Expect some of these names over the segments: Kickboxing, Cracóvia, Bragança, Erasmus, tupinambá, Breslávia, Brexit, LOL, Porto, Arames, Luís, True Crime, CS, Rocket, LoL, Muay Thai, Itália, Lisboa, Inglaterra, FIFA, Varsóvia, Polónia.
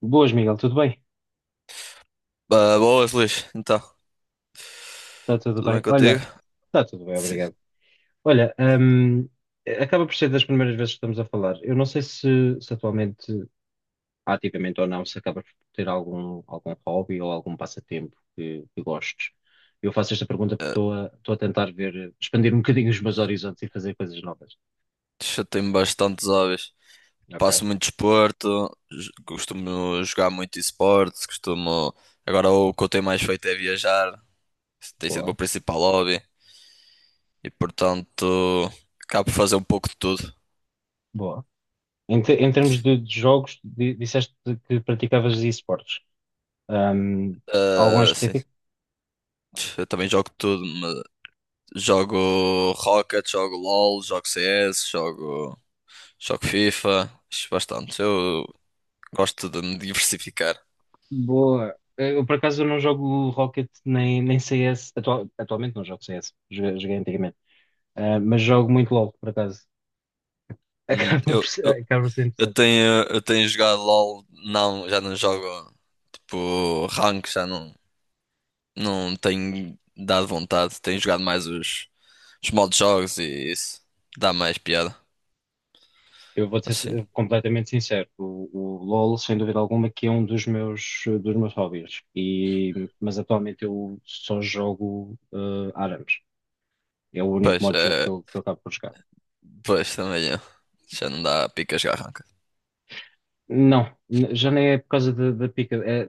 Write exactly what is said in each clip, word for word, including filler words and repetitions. Boas, Miguel, tudo bem? Ah, boas, Luís. Então, Está tudo tudo bem. bem contigo? Olha, está tudo bem, Sim. obrigado. Olha, hum, acaba por ser das primeiras vezes que estamos a falar. Eu não sei se, se atualmente, ativamente ou não, se acaba por ter algum, algum hobby ou algum passatempo que, que gostes. Eu faço esta pergunta porque Ah, estou a, estou a tentar ver, expandir um bocadinho os meus horizontes e fazer coisas novas. chatei-me bastante os hobbies. Ok, Passo muito desporto, j- costumo jogar muito esportes, costumo. Agora o que eu tenho mais feito é viajar. Isso tem sido o meu boa, principal hobby. E, portanto, acabo por fazer um pouco de tudo. boa. Em, te- em termos de, de jogos, di- disseste que praticavas esportes. Hum, Algum em Ah, sim. específico? Eu também jogo tudo, mas jogo Rocket, jogo LoL, jogo C S, jogo, jogo FIFA. Acho bastante. Eu gosto de me diversificar. Boa. Eu, por acaso, não jogo Rocket nem, nem C S. Atual- atualmente não jogo C S. Joguei, joguei antigamente. Ah, mas jogo muito L O L, por acaso. Hum, Acaba por eu, ser, Acaba por ser Eu interessante. tenho, eu tenho jogado LOL, não, já não jogo tipo rank, já não, não tenho dado vontade. Tenho jogado mais os, os modos de jogos e isso. Dá mais piada, Eu vou ser mas sim. sin- completamente sincero. O, o L O L, sem dúvida alguma, que é um dos meus, eh, dos meus hobbies. E, mas atualmente eu só jogo ah, Arames. É o único Pois, modo de jogo que é, eu, que eu acabo por jogar. pois também é. Já não dá pica jogar rank. Não, n- já nem é por causa da da pica. É,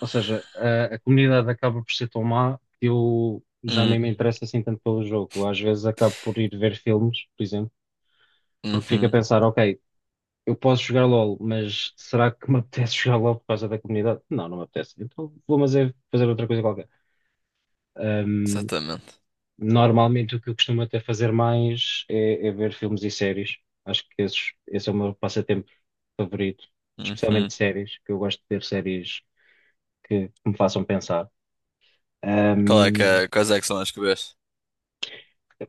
ou seja, a, a comunidade acaba por ser tão má que eu já nem Hum, me interesso assim tanto pelo jogo. Às vezes acabo por ir ver filmes, por exemplo, porque fico a uhum, pensar, ok, eu posso jogar L O L, mas será que me apetece jogar L O L por causa da comunidade? Não, não me apetece. Então vou fazer, fazer outra coisa qualquer. Ahm, exatamente. Normalmente o que eu costumo até fazer mais é, é ver filmes e séries. Acho que esses, esse é o meu passatempo favorito, especialmente Uhum. séries, que eu gosto de ver séries que, que me façam pensar. Qual é que é, quais é que são as que vês?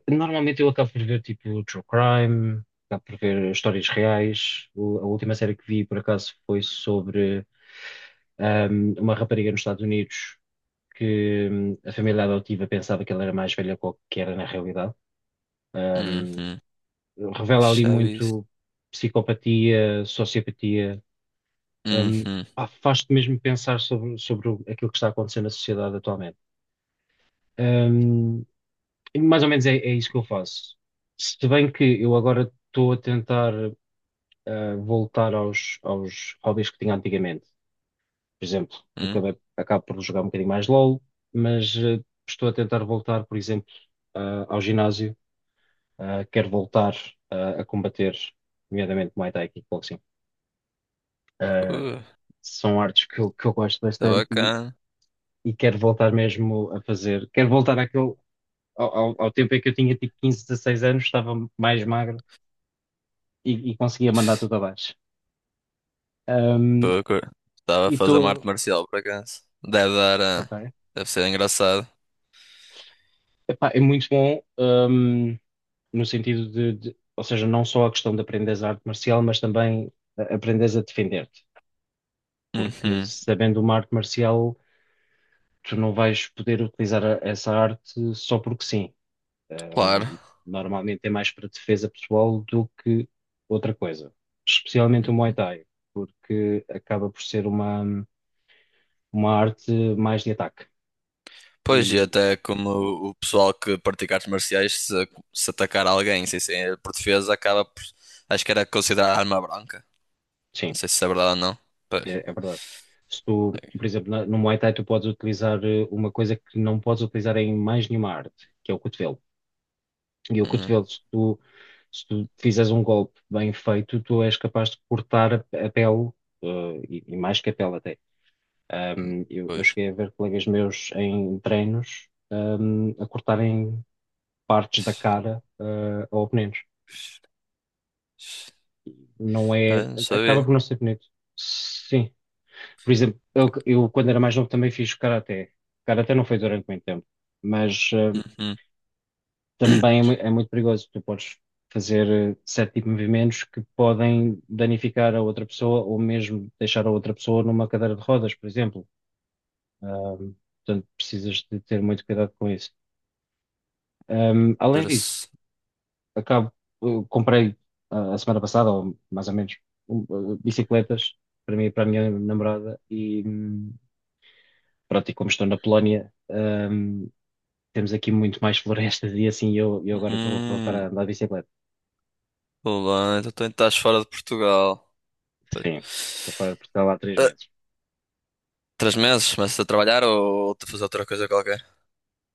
Normalmente eu acabo por ver tipo True Crime, acabo por ver histórias reais. O- a última série que vi por acaso foi sobre ahm, uma rapariga nos Estados Unidos que hum, a família adotiva pensava que ela era mais velha que que era na realidade. Ahm, Uhum. Revela ali Chaves. muito psicopatia, sociopatia. Ahm, Uhum. Pá, faz-te mesmo pensar sobre, sobre o- aquilo que está acontecendo na sociedade atualmente. Um, E mais ou menos é, é isso que eu faço. Se bem que eu agora estou a tentar ah, voltar aos, aos hobbies que tinha antigamente. Por exemplo, Uhum. acabei, acabo por jogar um bocadinho mais L O L, mas ah, estou a tentar voltar, por exemplo, ah, ao ginásio. Ah, quero voltar ah, a combater, nomeadamente Muay Thai e Kickboxing. Ah, Uh, são artes que eu, que eu gosto tá bastante e, bacana. e quero voltar mesmo a fazer. Quero voltar àquele, ao, ao, ao tempo em que eu tinha tipo quinze, dezesseis anos, estava mais magro e, e conseguia mandar tudo abaixo. Um, Pô, cur- Estava a e fazer uma arte estou. marcial por acaso. Deve dar. Ok. ah, Deve ser engraçado. Epá, é muito bom, um, no sentido de, de- ou seja, não só a questão de aprenderes a arte marcial, mas também a- aprenderes a defender-te. Porque Uhum, sabendo uma arte marcial, tu não vais poder utilizar a- essa arte só porque sim. claro. Um, Normalmente é mais para defesa pessoal do que outra coisa. Especialmente o Muay Uhum. Thai, porque acaba por ser uma, uma arte mais de ataque. Pois, e E até como o o pessoal que pratica artes marciais, se, se atacar alguém sem ser por defesa, acaba por. Acho que era considerada arma branca. sim. Não sei se é verdade ou não. Pois. É, é verdade. Se tu, por exemplo, na- no Muay Thai tu podes utilizar eh, uma coisa que não podes utilizar em mais nenhuma arte, que é o cotovelo. E o Uhum. cotovelo, se tu, se tu fizeres um golpe bem feito, tu és capaz de cortar a, a pele, eh, e, e mais que a pele até. Ahm, eu, eu Pois. cheguei a ver colegas meus em treinos, ahm, a cortarem partes da cara, eh, a oponentes. Não Ah, é, não acaba sabia. por não ser bonito. Sim, por exemplo, eu, Ok. eu, quando era mais novo também fiz karaté. Karaté não foi durante muito tempo, mas eh, Uhum. também é, mui- é muito perigoso. Tu podes fazer eh, certo tipo de movimentos que podem danificar a outra pessoa ou mesmo deixar a outra pessoa numa cadeira de rodas, por exemplo. Ahm, Portanto, precisas de ter muito cuidado com isso. Ahm, além disso, Interessante. acabo, eu comprei ah, a semana passada, ou mais ou menos, um, ah, bicicletas para mim e para a minha namorada e hum, pronto, e como estou na Polónia, hum, temos aqui muito mais florestas e assim eu, eu agora estou a voltar Hum, a andar de bicicleta. olá, então tu estás fora de Portugal. Pois. Sim, estou fora Portugal há três meses. Três meses? Mas a trabalhar ou a fazer outra coisa qualquer?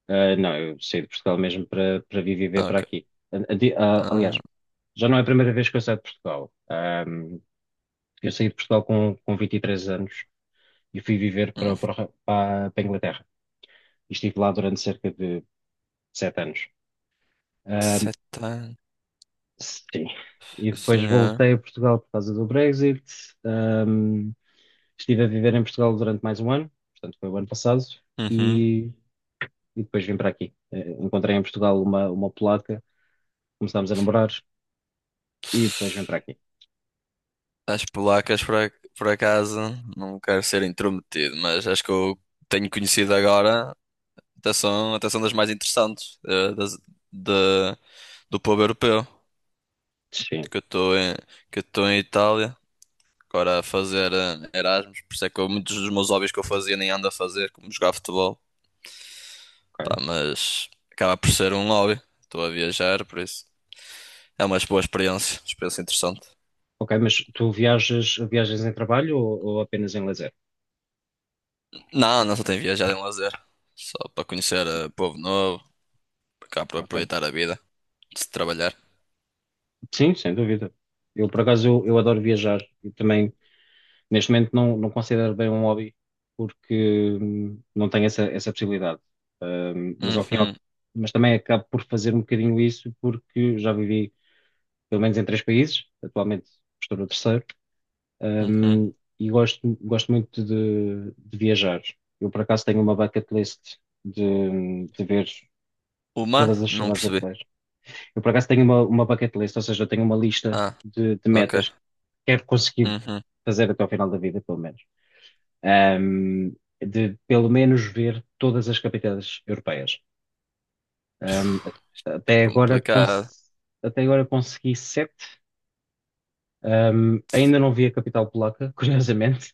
Ah, não, eu saí de Portugal mesmo para para vir viver Ah, para ok. aqui. An- Ante- ah, aliás, Ah, já não é a primeira vez que eu saio de Portugal. Ah, eu saí de Portugal com, com vinte e três anos e fui viver para, hum. para, o Re- para, para a Inglaterra. E estive lá durante cerca de sete anos. Ah, Sete anos. sim. E depois Senhor. voltei a Portugal por causa do Brexit. Estive a viver em Portugal durante mais um ano, portanto foi o ano passado, Uhum. e, e depois vim para aqui. Eh, encontrei em Portugal uma, uma polaca, começámos a namorar e depois vim para aqui. As polacas, por, ac- por acaso, não quero ser intrometido, mas acho que eu tenho conhecido agora, até são, até são das mais interessantes eh, das- da- do povo europeu, Sim, que eu estou em, que eu estou em Itália, agora a fazer eh, Erasmus, por isso é que eu- muitos dos meus hobbies que eu fazia nem ando a fazer, como jogar futebol. Pá, ok. mas acaba por ser um hobby. Estou a viajar, por isso. É uma boa experiência, experiência interessante. Ok, mas tu viajas, viajas em trabalho ou, ou apenas em lazer? Não, não só tenho viajado em lazer. Só para conhecer eh, povo novo, cá para Ok. aproveitar a vida, de se trabalhar. Sim, sem dúvida. Eu, por acaso, eu, eu adoro viajar e também, neste momento, não, não considero bem um hobby porque hum, não tenho essa, essa possibilidade. Hum, mas ao fim, e ao- Uhum, mas também acabo por fazer um bocadinho isso porque já vivi pelo menos em três países, atualmente estou no terceiro. uhum. Um, e gosto, gosto muito de, de viajar. Eu, por acaso, tenho uma bucket list de, de ver Uma? todas as Não cidades percebi. europeias. Eu, por acaso, tenho uma, uma bucket list, ou seja, eu tenho uma lista Ah, de, de ok. metas que quero conseguir Uhum. fazer até ao final da vida, pelo menos. Um, de, pelo menos, ver todas as capitais europeias. Um, a- É até agora, complicado. cons- até agora consegui sete. Um, ainda não vi a capital polaca, curiosamente,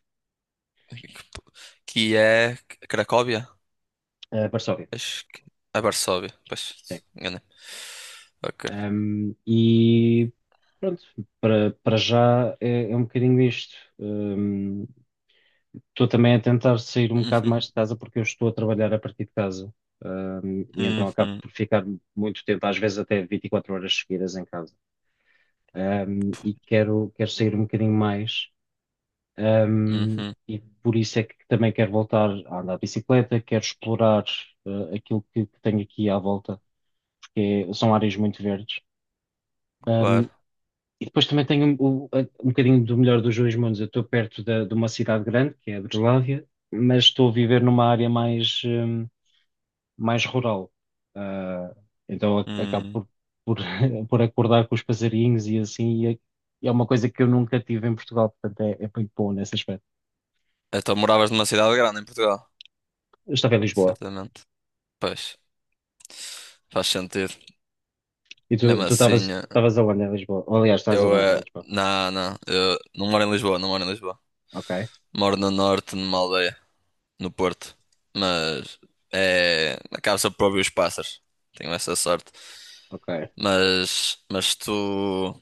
Que é Cracóvia? uh, Varsóvia. Acho que é Varsóvia. Sim. Pois, enganei. Ok. Um, e Pronto, para, para já é, é um bocadinho isto. Um, estou também a tentar sair um bocado Uhum, mais de casa porque eu estou a trabalhar a partir de casa. Um, e então acabo uhum, por ficar muito tempo, às vezes até vinte e quatro horas seguidas em casa. Um, e quero, quero sair um bocadinho mais. Um, uhum. e por isso é que também quero voltar a andar de bicicleta, quero explorar uh, aquilo que, que tenho aqui à volta, porque é- são áreas muito verdes. Um, Claro. e depois também tenho o- a- um, bocadinho do melhor dos dois mundos. Eu estou perto da- de uma cidade grande, que é a Breslávia, mas estou a viver numa área mais, um, mais rural. Uh, então ac- acabo Hum. por, por por acordar com os passarinhos e assim, e é, é uma coisa que eu nunca tive em Portugal, portanto é, é muito bom nesse aspecto. Então moravas numa cidade grande em Portugal? Eu estava em Lisboa. Certamente. Pois, faz sentido. E tu Mesmo tu estavas, assim, eh, estavas aonde em Lisboa? Ou, aliás, estás eu aonde em é. Lisboa? Não, não, eu não moro em Lisboa, não moro em Lisboa. Ok, Moro no norte, numa aldeia, no Porto. Mas é. Acaba-se por ouvir os pássaros. Tenho essa sorte. ok. Mas, mas se tu,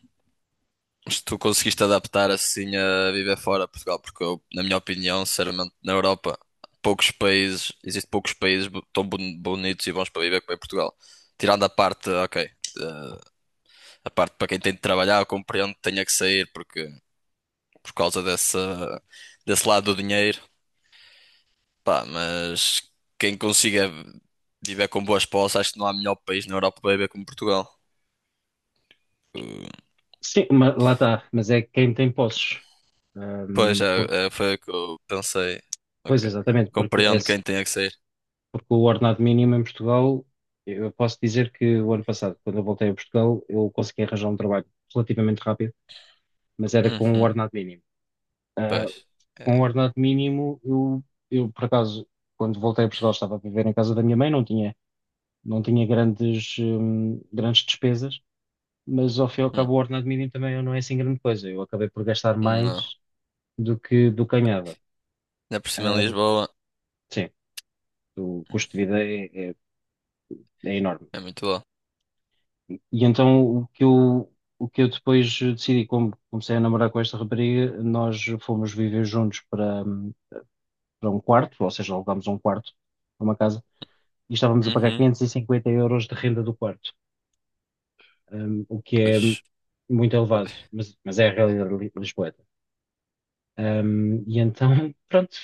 se tu conseguiste adaptar assim a viver fora de Portugal, porque eu, na minha opinião, sinceramente, na Europa, poucos países, existem poucos países bo- tão boni- bonitos e bons para viver como é Portugal. Tirando a parte, ok. eh, A parte para quem tem de trabalhar, eu compreendo que tenha que sair porque, por causa dessa, desse lado do dinheiro. Pá, mas quem consiga viver com boas posses, acho que não há melhor país na Europa para viver como Portugal. Uh, Sim, ma- lá está, mas é quem tem posses. Pois, Ahm, por- é, é, foi o que eu pensei. Pois Ok. exatamente, porque, Compreendo esse, quem tenha que sair. porque o ordenado mínimo em Portugal, eu posso dizer que o ano passado, quando eu voltei a Portugal, eu consegui arranjar um trabalho relativamente rápido, mas era com o Uhum, ordenado mínimo. Ah, pois. É, com o ordenado mínimo, eu, eu por acaso, quando voltei a Portugal, estava a viver em casa da minha mãe, não tinha, não tinha grandes, hum, grandes despesas. Mas ao fim e ao hum, cabo o ordenado mínimo também não é assim grande coisa. Eu acabei por gastar não. mais do que do que ganhava. Ainda por cima em Ahm, Lisboa. sim, o hum, custo de vida é, é- é enorme. É muito bom. E então o que eu, o que eu depois decidi, como comecei a namorar com esta rapariga, nós fomos viver juntos para, hum, para um quarto, ou seja, alugámos um quarto para uma casa e estávamos a pagar Uhum, quinhentos e cinquenta euros de renda do quarto, hum, o que é pois. muito elevado, mas, mas é a realidade li- lisboeta. Hum, e então, pronto,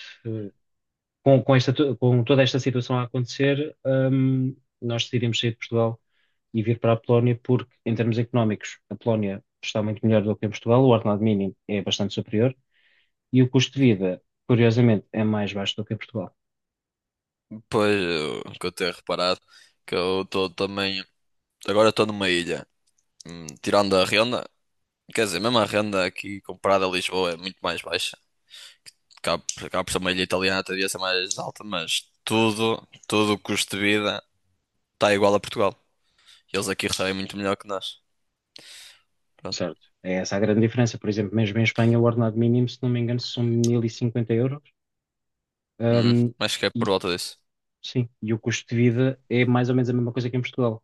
com, com esta to- com toda esta situação a acontecer, hum, nós decidimos sair de Portugal e vir para a Polónia porque, em termos económicos, a Polónia está muito melhor do que em Portugal, o ordenado mínimo é bastante superior e o custo de vida, curiosamente, é mais baixo do que em Portugal. Pois, eu, que eu tenho reparado que eu estou também. Agora estou numa ilha. Hum, tirando a renda, quer dizer, mesmo a renda aqui comparada a Lisboa é muito mais baixa. Cá, por- cá por ser uma ilha italiana, devia ser mais alta, mas tudo, tudo o custo de vida está igual a Portugal. Eles aqui recebem muito melhor que nós. Pronto. Certo. É essa a grande diferença. Por exemplo, mesmo em Espanha, o ordenado mínimo, se não me engano, são mil e cinquenta euros. Hum, Hum, acho que é por e, volta disso. sim, e o custo de vida é mais ou menos a mesma coisa que em Portugal.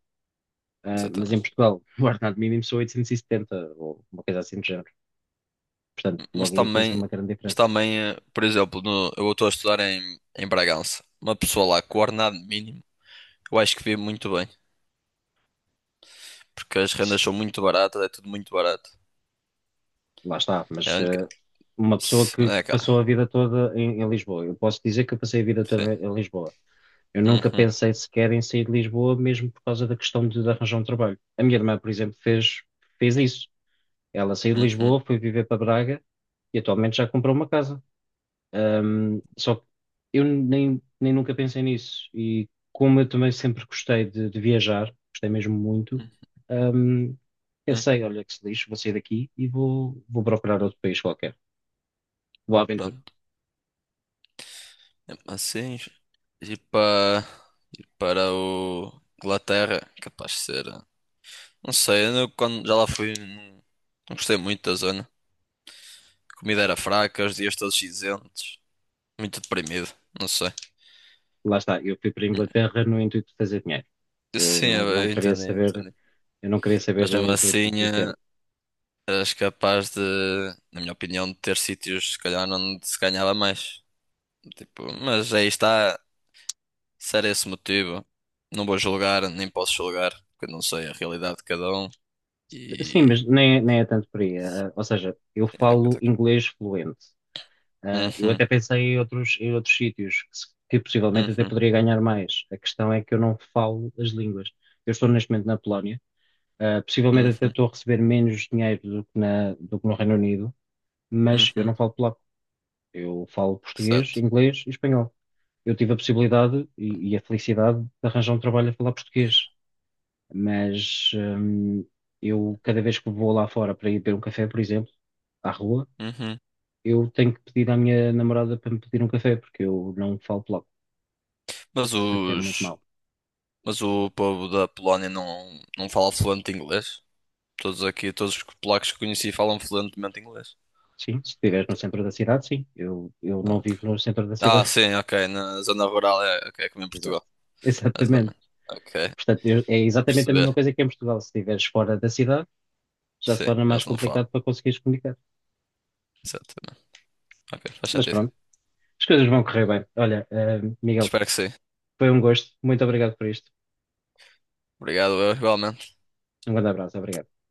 Ah, mas em Exatamente. Portugal, o ordenado mínimo são oitocentos e setenta ou uma coisa assim do género. Portanto, Mas logo aí tens também, uma grande mas diferença. também, eh, por exemplo, no- eu estou a estudar em, em, Bragança. Uma pessoa lá com o ordenado mínimo, eu acho que vive muito bem. Porque as rendas são muito baratas, é tudo muito barato. Lá está, É mas a única. eh, uma pessoa Se- que, É, que passou cara. a vida toda em, em Lisboa, eu posso dizer que eu passei a vida Sim. toda em, em Lisboa. Eu nunca Uhum, pensei sequer em sair de Lisboa, mesmo por causa da questão de, de arranjar um trabalho. A minha irmã, por exemplo, fez, fez isso. Ela saiu de uhum. Lisboa, foi viver para Braga e atualmente já comprou uma casa. Um, só que eu nem, nem nunca pensei nisso. E como eu também sempre gostei de, de viajar, gostei mesmo muito, um, Hum, pensei, olha que se lixo, vou sair daqui e vou, vou procurar outro país qualquer. Vou à aventura. pronto. É, assim, ir para, ir para o Inglaterra, capaz de ser. Não sei, eu não- quando já lá fui, não, não gostei muito da zona. A comida era fraca, os dias todos cinzentos, muito deprimido, não sei. Lá está, eu fui para a Hum, Inglaterra no intuito de fazer dinheiro. Eu Sim, não, não eu queria entendi, saber, entendi. eu não queria saber Mas mesmo do, do, assim, do eh, tempo. eras capaz de, na minha opinião, de ter sítios, se calhar, onde se ganhava mais. Tipo, mas aí está. Se era esse o motivo, não vou julgar, nem posso julgar, porque eu não sei a realidade de cada um. Sim, E. mas nem, nem é tanto por aí. Ah, ou seja, eu Era o que eu falo tenho. inglês fluente. Ah, eu Uhum, até pensei em outros, em outros sítios que, se- que possivelmente até uhum, poderia ganhar mais. A questão é que eu não falo as línguas. Eu estou neste momento na Polónia. Ah, possivelmente até uhum, estou a receber menos dinheiro do que, na- do que no Reino Unido, mas eu uhum, não falo polaco. Eu falo português, certo. inglês e espanhol. Eu tive a possibilidade e, e a felicidade de arranjar um trabalho a falar português, mas hum, eu cada vez que vou lá fora para ir beber um café, por exemplo, à rua, Uhum. eu tenho que pedir à minha namorada para me pedir um café, porque eu não falo logo, Mas portanto é muito os. mau. Mas o povo da Polónia não, não fala fluente inglês? Todos aqui, todos os polacos que conheci falam fluentemente inglês. Sim, se estiveres no centro da cidade, sim. Eu, eu Ah, não ok. vivo no centro da Ah, cidade. sim, ok. Na zona rural é, ok, é como em Exato. Portugal. Exatamente. Exatamente. Ok, Portanto, estou eu- é a exatamente a mesma perceber. coisa que em Portugal. Se estiveres fora da cidade, já se Sim, torna mais eles não falam. complicado para conseguires comunicar. Exatamente. Ok, faz Mas sentido. pronto, as coisas vão correr bem. Olha, eh, Miguel, Espero que sim. foi um gosto. Muito obrigado por isto. Obrigado, eu igualmente. Um grande abraço. Obrigado.